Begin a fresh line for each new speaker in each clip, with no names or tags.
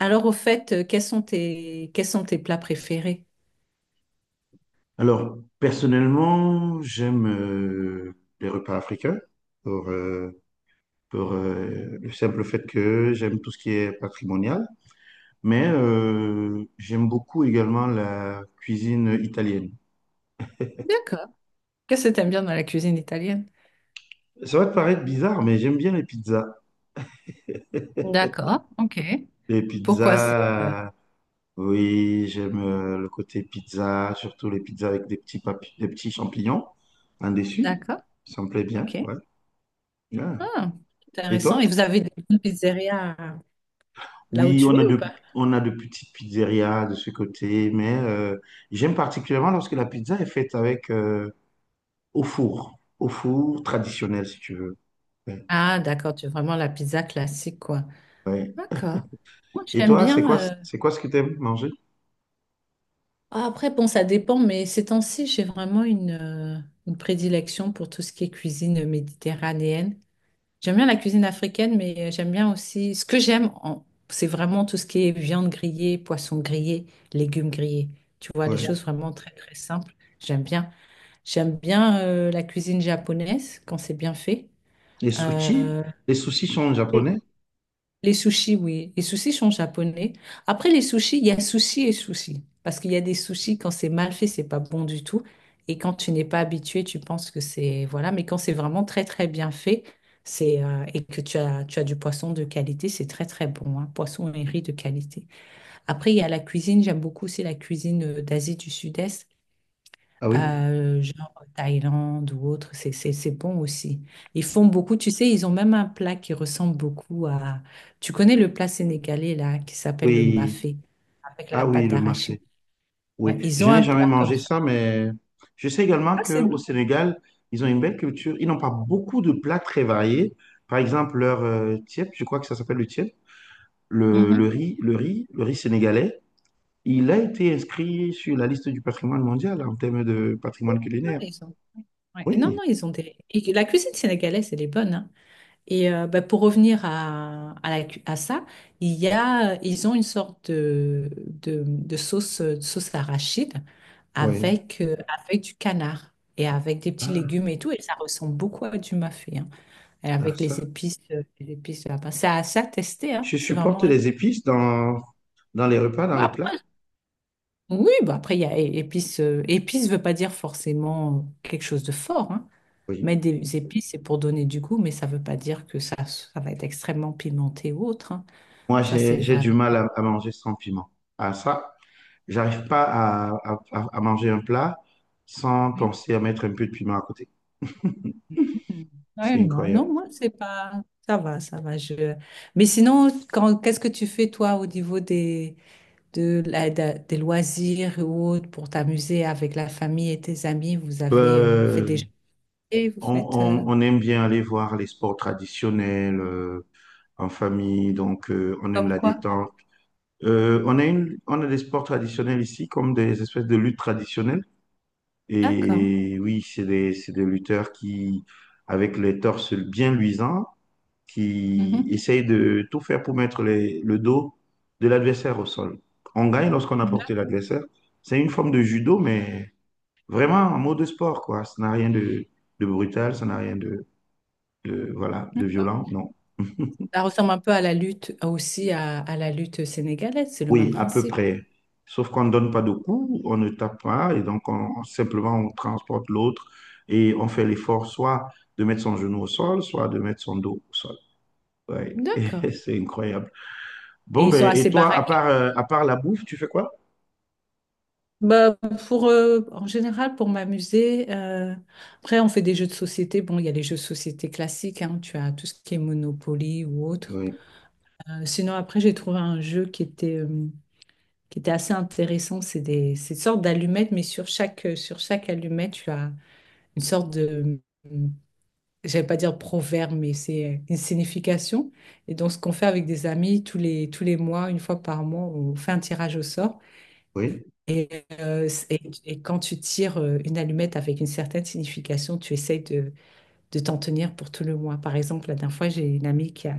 Alors, au fait, quels sont tes plats préférés?
Alors, personnellement, j'aime les repas africains pour, euh, pour le simple fait que j'aime tout ce qui est patrimonial, mais j'aime beaucoup également la cuisine italienne.
D'accord. Qu'est-ce que t'aimes bien dans la cuisine italienne?
Ça va te paraître bizarre, mais j'aime bien les pizzas.
D'accord. OK.
Les
Pourquoi c'est?
pizzas, oui, j'aime le côté pizza, surtout les pizzas avec des petits, des petits champignons en dessus.
D'accord.
Ça me plaît bien,
OK.
ouais. Ouais.
Ah,
Et
intéressant.
toi?
Et vous avez des bonnes pizzerias là où
Oui,
tu es ou pas?
on a de petites pizzerias de ce côté, mais j'aime particulièrement lorsque la pizza est faite avec au four traditionnel si tu veux. Ouais,
Ah, d'accord, tu veux vraiment la pizza classique, quoi.
ouais.
D'accord. Moi,
Et
j'aime
toi,
bien.
c'est quoi ce que tu aimes manger?
Ah, après, bon, ça dépend, mais ces temps-ci, j'ai vraiment une prédilection pour tout ce qui est cuisine méditerranéenne. J'aime bien la cuisine africaine, mais j'aime bien aussi. Ce que j'aime, c'est vraiment tout ce qui est viande grillée, poisson grillé, légumes grillés. Tu vois, les choses
Ouais.
vraiment très, très simples. J'aime bien. J'aime bien la cuisine japonaise quand c'est bien fait.
Les sushis?
Euh,
Les sushis sont japonais?
les sushis, oui. Les sushis sont japonais. Après les sushis, il y a sushi et sushi. Parce qu'il y a des sushis, quand c'est mal fait, c'est pas bon du tout. Et quand tu n'es pas habitué, tu penses que c'est... Voilà. Mais quand c'est vraiment très, très bien fait, et que tu as du poisson de qualité, c'est très, très bon, hein. Poisson et riz de qualité. Après, il y a la cuisine. J'aime beaucoup aussi la cuisine d'Asie du Sud-Est
Ah oui,
genre Thaïlande ou autre, c'est bon aussi. Ils font beaucoup, tu sais, ils ont même un plat qui ressemble beaucoup à... Tu connais le plat sénégalais, là, qui s'appelle le
oui,
mafé, avec la
ah oui,
pâte
le
d'arachide.
mafé.
Ouais,
Oui,
ils ont
je
un
n'ai jamais
plat comme
mangé
ça.
ça, mais je sais également
Ah, c'est
qu'au
bon.
Sénégal, ils ont une belle culture. Ils n'ont pas beaucoup de plats très variés. Par exemple, leur thiep, je crois que ça s'appelle le thiep. Le, le
Mhm.
riz, le riz, le riz sénégalais, il a été inscrit sur la liste du patrimoine mondial en termes de patrimoine
Non,
culinaire.
ils ont... ouais. Non,
Oui,
non, ils ont des... et la cuisine sénégalaise, elle est bonne, hein. Et bah, pour revenir la à ça, il y a, ils ont une sorte de sauce, sauce arachide
oui.
avec, avec du canard et avec des petits
Ah,
légumes et tout. Et ça ressemble beaucoup à du mafé, hein, et
ah,
avec
ça.
les épices de là-bas. C'est à tester, hein,
Je
c'est
supporte
vraiment...
les épices dans, dans les repas, dans
Bah,
les plats.
oui, bah après, il y a épices. Épices ne veut pas dire forcément quelque chose de fort, hein.
Oui.
Mettre des épices, c'est pour donner du goût, mais ça ne veut pas dire que ça va être extrêmement pimenté ou autre, hein.
Moi,
Ça, c'est
j'ai du
vraiment.
mal à manger sans piment. Ah, ça, j'arrive pas à à manger un plat sans
Oui.
penser à mettre un peu de piment à côté.
Hmm.
C'est
Réellement. Non,
incroyable.
non, moi, c'est pas. Ça va, ça va. Je... Mais sinon, quand... qu'est-ce que tu fais, toi, au niveau des, des loisirs ou autres pour t'amuser avec la famille et tes amis? Vous avez fait
Euh,
des jeux, vous faites
on aime bien aller voir les sports traditionnels. En famille, donc on aime
comme
la
quoi?
détente. On a des sports traditionnels ici, comme des espèces de luttes traditionnelles.
D'accord.
Et oui, c'est des lutteurs qui, avec les torses bien luisants, qui
Mhm.
essayent de tout faire pour mettre le dos de l'adversaire au sol. On gagne lorsqu'on a
D'accord.
porté l'adversaire. C'est une forme de judo, mais vraiment en mode sport, quoi. Ça n'a rien de, de brutal, ça n'a rien de, de, voilà, de violent, non.
Ça ressemble un peu à la lutte aussi, à la lutte sénégalaise. C'est le
Oui,
même
à peu
principe.
près. Sauf qu'on ne donne pas de coups, on ne tape pas, et donc on, simplement on transporte l'autre et on fait l'effort soit de mettre son genou au sol, soit de mettre son dos au sol. Ouais,
D'accord.
c'est incroyable. Bon,
Et ils sont
ben, et
assez barrés.
toi, à part la bouffe, tu fais quoi?
Bah, pour, en général, pour m'amuser, après, on fait des jeux de société. Bon, il y a les jeux de société classiques, hein, tu as tout ce qui est Monopoly ou autre.
Oui,
Sinon, après, j'ai trouvé un jeu qui était assez intéressant. C'est une sorte d'allumette, mais sur sur chaque allumette, tu as une sorte de, euh, j'allais pas dire proverbe, mais c'est une signification. Et donc, ce qu'on fait avec des amis, tous les mois, une fois par mois, on fait un tirage au sort.
oui.
Et, et quand tu tires une allumette avec une certaine signification, tu essayes de t'en tenir pour tout le mois. Par exemple, la dernière fois, j'ai une amie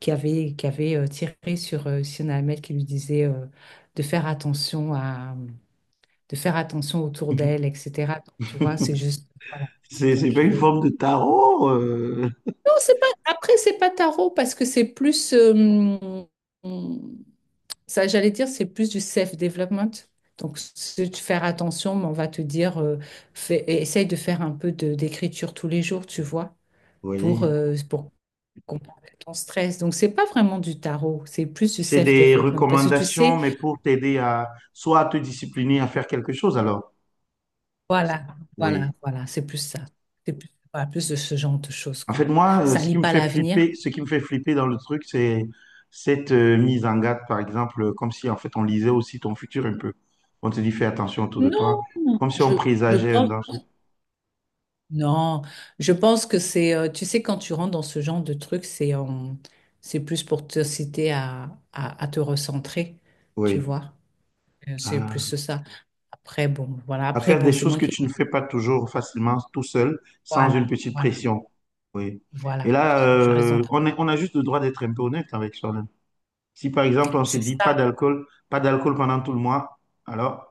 qui avait tiré sur une allumette qui lui disait de faire attention à, de faire attention autour d'elle, etc. Donc, tu vois, c'est juste, voilà, dis bon,
C'est pas
je
une
vais.
forme de tarot.
Non, c'est pas. Après, c'est pas tarot parce que c'est plus. Hum, Ça, j'allais dire, c'est plus du self-development. Donc, c'est de faire attention, mais on va te dire, essaye de faire un peu d'écriture tous les jours, tu vois,
Oui.
pour combattre ton stress. Donc, c'est pas vraiment du tarot, c'est plus du
C'est des
self-development. Parce que tu
recommandations,
sais,
mais pour t'aider à soit à te discipliner à faire quelque chose, alors.
voilà,
Oui.
voilà, c'est plus ça. C'est plus, voilà, plus de ce genre de choses,
En fait,
quoi.
moi,
Ça lit pas l'avenir.
ce qui me fait flipper dans le truc, c'est cette mise en garde, par exemple, comme si en fait on lisait aussi ton futur un peu. On te dit fais attention autour de toi,
Non,
comme si on
je, je
présageait un
pense.
danger.
Non, je pense que c'est, tu sais, quand tu rentres dans ce genre de truc, c'est plus pour te citer à te recentrer, tu
Oui.
vois. C'est plus
Ah.
ça. Après, bon, voilà.
À
Après,
faire
bon,
des
c'est
choses
moi
que
qui.
tu ne fais pas toujours facilement tout seul, sans une
Voilà,
petite pression. Oui. Et
voilà.
là,
Tu raison.
on a juste le droit d'être un peu honnête avec soi-même. Si par exemple on se
C'est
dit pas
ça.
d'alcool, pas d'alcool pendant tout le mois, alors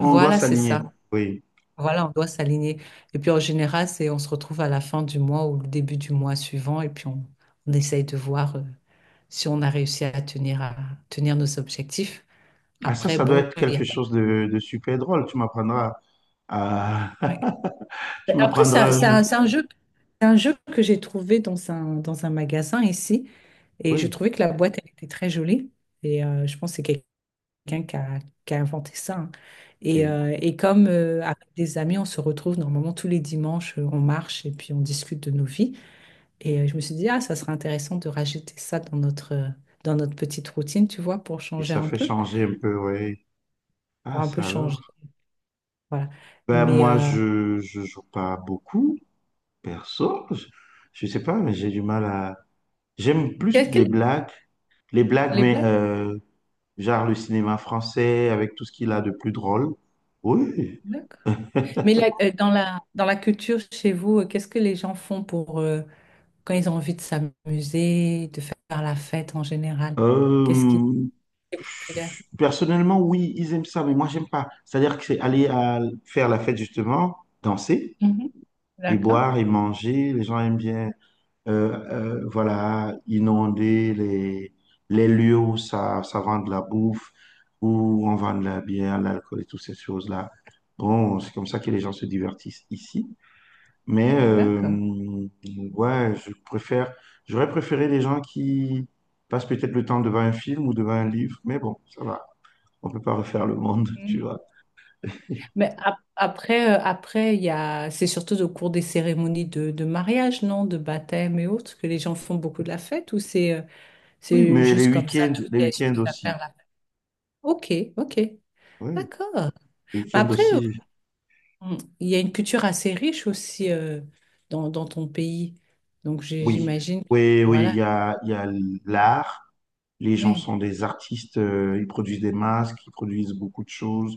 on doit
Voilà, c'est
s'aligner.
ça.
Oui.
Voilà, on doit s'aligner. Et puis en général, c'est on se retrouve à la fin du mois ou le début du mois suivant, et puis on essaye de voir si on a réussi à tenir nos objectifs.
Ah, ça,
Après,
ça doit
bon,
être
il n'y a
quelque chose de super drôle. Tu m'apprendras à...
pas.
Tu
Mais après,
m'apprendras à jouer.
c'est un jeu que j'ai trouvé dans un magasin ici. Et je
Oui,
trouvais que la boîte, elle était très jolie. Et je pense que c'est quelqu'un qui a inventé ça, hein.
et,
Et comme avec des amis, on se retrouve normalement tous les dimanches, on marche et puis on discute de nos vies. Et je me suis dit, ah, ça serait intéressant de rajouter ça dans notre petite routine, tu vois, pour
et
changer
ça
un
fait
peu,
changer un peu, oui.
pour
Ah,
un peu
ça alors.
changer. Voilà.
Ben,
Mais
moi, je joue pas beaucoup, perso. Je sais pas, mais j'ai du mal à... J'aime plus les
quelles-
blagues. Les blagues,
les
mais
blagues?
genre le cinéma français, avec tout ce qu'il a de plus drôle. Oui,
Mais dans la culture chez vous, qu'est-ce que les gens font pour quand ils ont envie de s'amuser, de faire la fête en général? Qu'est-ce qui
Euh,
est populaire?
personnellement, oui, ils aiment ça, mais moi, j'aime pas. C'est-à-dire que c'est aller à faire la fête, justement, danser
Mhm.
et
D'accord,
boire et manger. Les gens aiment bien, voilà, inonder les lieux où ça vend de la bouffe, où on vend de la bière, l'alcool et toutes ces choses-là. Bon, c'est comme ça que les gens se divertissent ici. Mais
d'accord.
ouais, je préfère, j'aurais préféré les gens qui passent peut-être le temps devant un film ou devant un livre, mais bon, ça va, on peut pas refaire le monde, tu
Mhm.
vois.
Mais après, après, il y a, c'est surtout au cours des cérémonies de mariage, non, de baptême et autres, que les gens font beaucoup de la fête, ou
Oui,
c'est
mais
juste comme ça, toutes
les
les
week-ends
excuses à faire
aussi.
la fête? Ok, ok,
Oui,
d'accord.
les
Mais
week-ends
après,
aussi.
mm. Il y a une culture assez riche aussi dans ton pays. Donc
Oui,
j'imagine,
oui, oui,
voilà,
il y a l'art. Les gens
oui,
sont des artistes, ils produisent des masques, ils produisent beaucoup de choses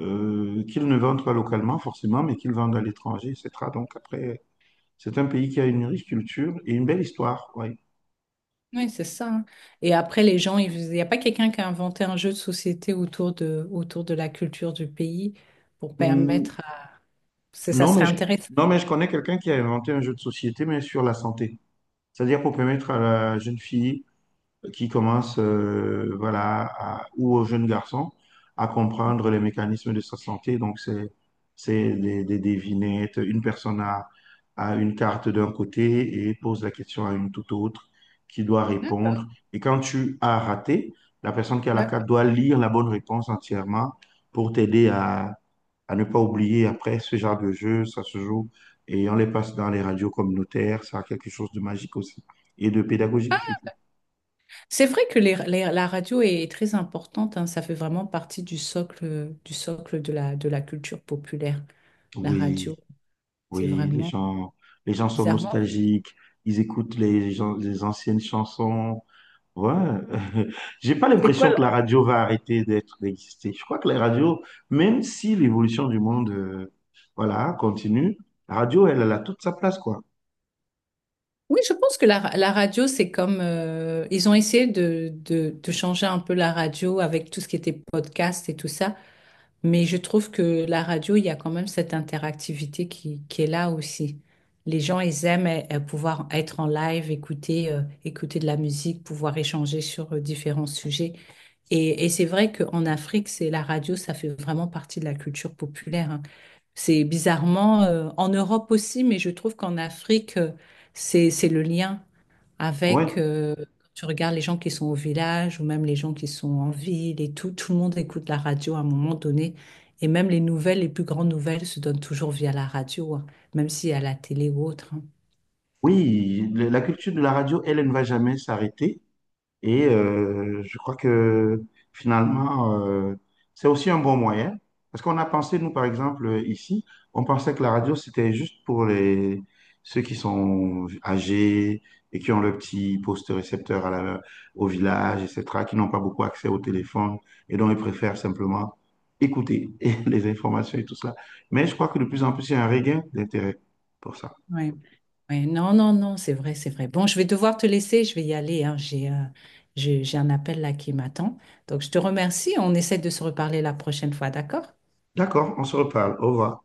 qu'ils ne vendent pas localement forcément, mais qu'ils vendent à l'étranger, etc. Donc après, c'est un pays qui a une riche culture et une belle histoire. Ouais.
oui, c'est ça, hein. Et après, les gens, il n'y a pas quelqu'un qui a inventé un jeu de société autour de la culture du pays pour
Hmm,
permettre à... Ça
Non, mais
serait
je,
intéressant.
non, mais je connais quelqu'un qui a inventé un jeu de société, mais sur la santé. C'est-à-dire pour permettre à la jeune fille qui commence, voilà, ou au jeune garçon, à comprendre les mécanismes de sa santé. Donc, c'est, des devinettes. A une carte d'un côté et pose la question à une toute autre qui doit
D'accord,
répondre. Et quand tu as raté, la personne qui a la
d'accord.
carte doit lire la bonne réponse entièrement pour t'aider à ne pas oublier. Après, ce genre de jeu, ça se joue et on les passe dans les radios communautaires. Ça a quelque chose de magique aussi et de pédagogique surtout.
C'est vrai que la radio est très importante, hein. Ça fait vraiment partie du socle, de la culture populaire, la radio.
Oui,
C'est
oui,
vraiment
les gens sont
bizarrement.
nostalgiques. Ils écoutent les anciennes chansons. Ouais, j'ai pas
C'est quoi?
l'impression que la radio va arrêter d'être d'exister. Je crois que la radio, même si l'évolution du monde, voilà, continue, la radio, elle, elle a toute sa place, quoi.
Oui, je pense que la radio, c'est comme... ils ont essayé de changer un peu la radio avec tout ce qui était podcast et tout ça. Mais je trouve que la radio, il y a quand même cette interactivité qui est là aussi. Les gens, ils aiment pouvoir être en live, écouter, écouter de la musique, pouvoir échanger sur différents sujets. Et c'est vrai qu'en Afrique, c'est la radio, ça fait vraiment partie de la culture populaire, hein. C'est bizarrement, en Europe aussi, mais je trouve qu'en Afrique, c'est le lien
Ouais.
avec, quand tu regardes les gens qui sont au village ou même les gens qui sont en ville et tout, tout le monde écoute la radio à un moment donné. Et même les nouvelles, les plus grandes nouvelles se donnent toujours via la radio, hein, même si à la télé ou autre, hein.
Oui, la culture de la radio, elle, elle ne va jamais s'arrêter. Et je crois que finalement, c'est aussi un bon moyen. Parce qu'on a pensé, nous, par exemple, ici, on pensait que la radio, c'était juste pour les, ceux qui sont âgés et qui ont le petit poste récepteur à la, au village, et cetera, qui n'ont pas beaucoup accès au téléphone et dont ils préfèrent simplement écouter et les informations et tout ça. Mais je crois que de plus en plus, il y a un regain d'intérêt pour ça.
Ouais, ouais, non, non, non, c'est vrai, c'est vrai. Bon, je vais devoir te laisser, je vais y aller, hein, j'ai j'ai un appel là qui m'attend. Donc, je te remercie, on essaie de se reparler la prochaine fois, d'accord?
D'accord, on se reparle. Au revoir.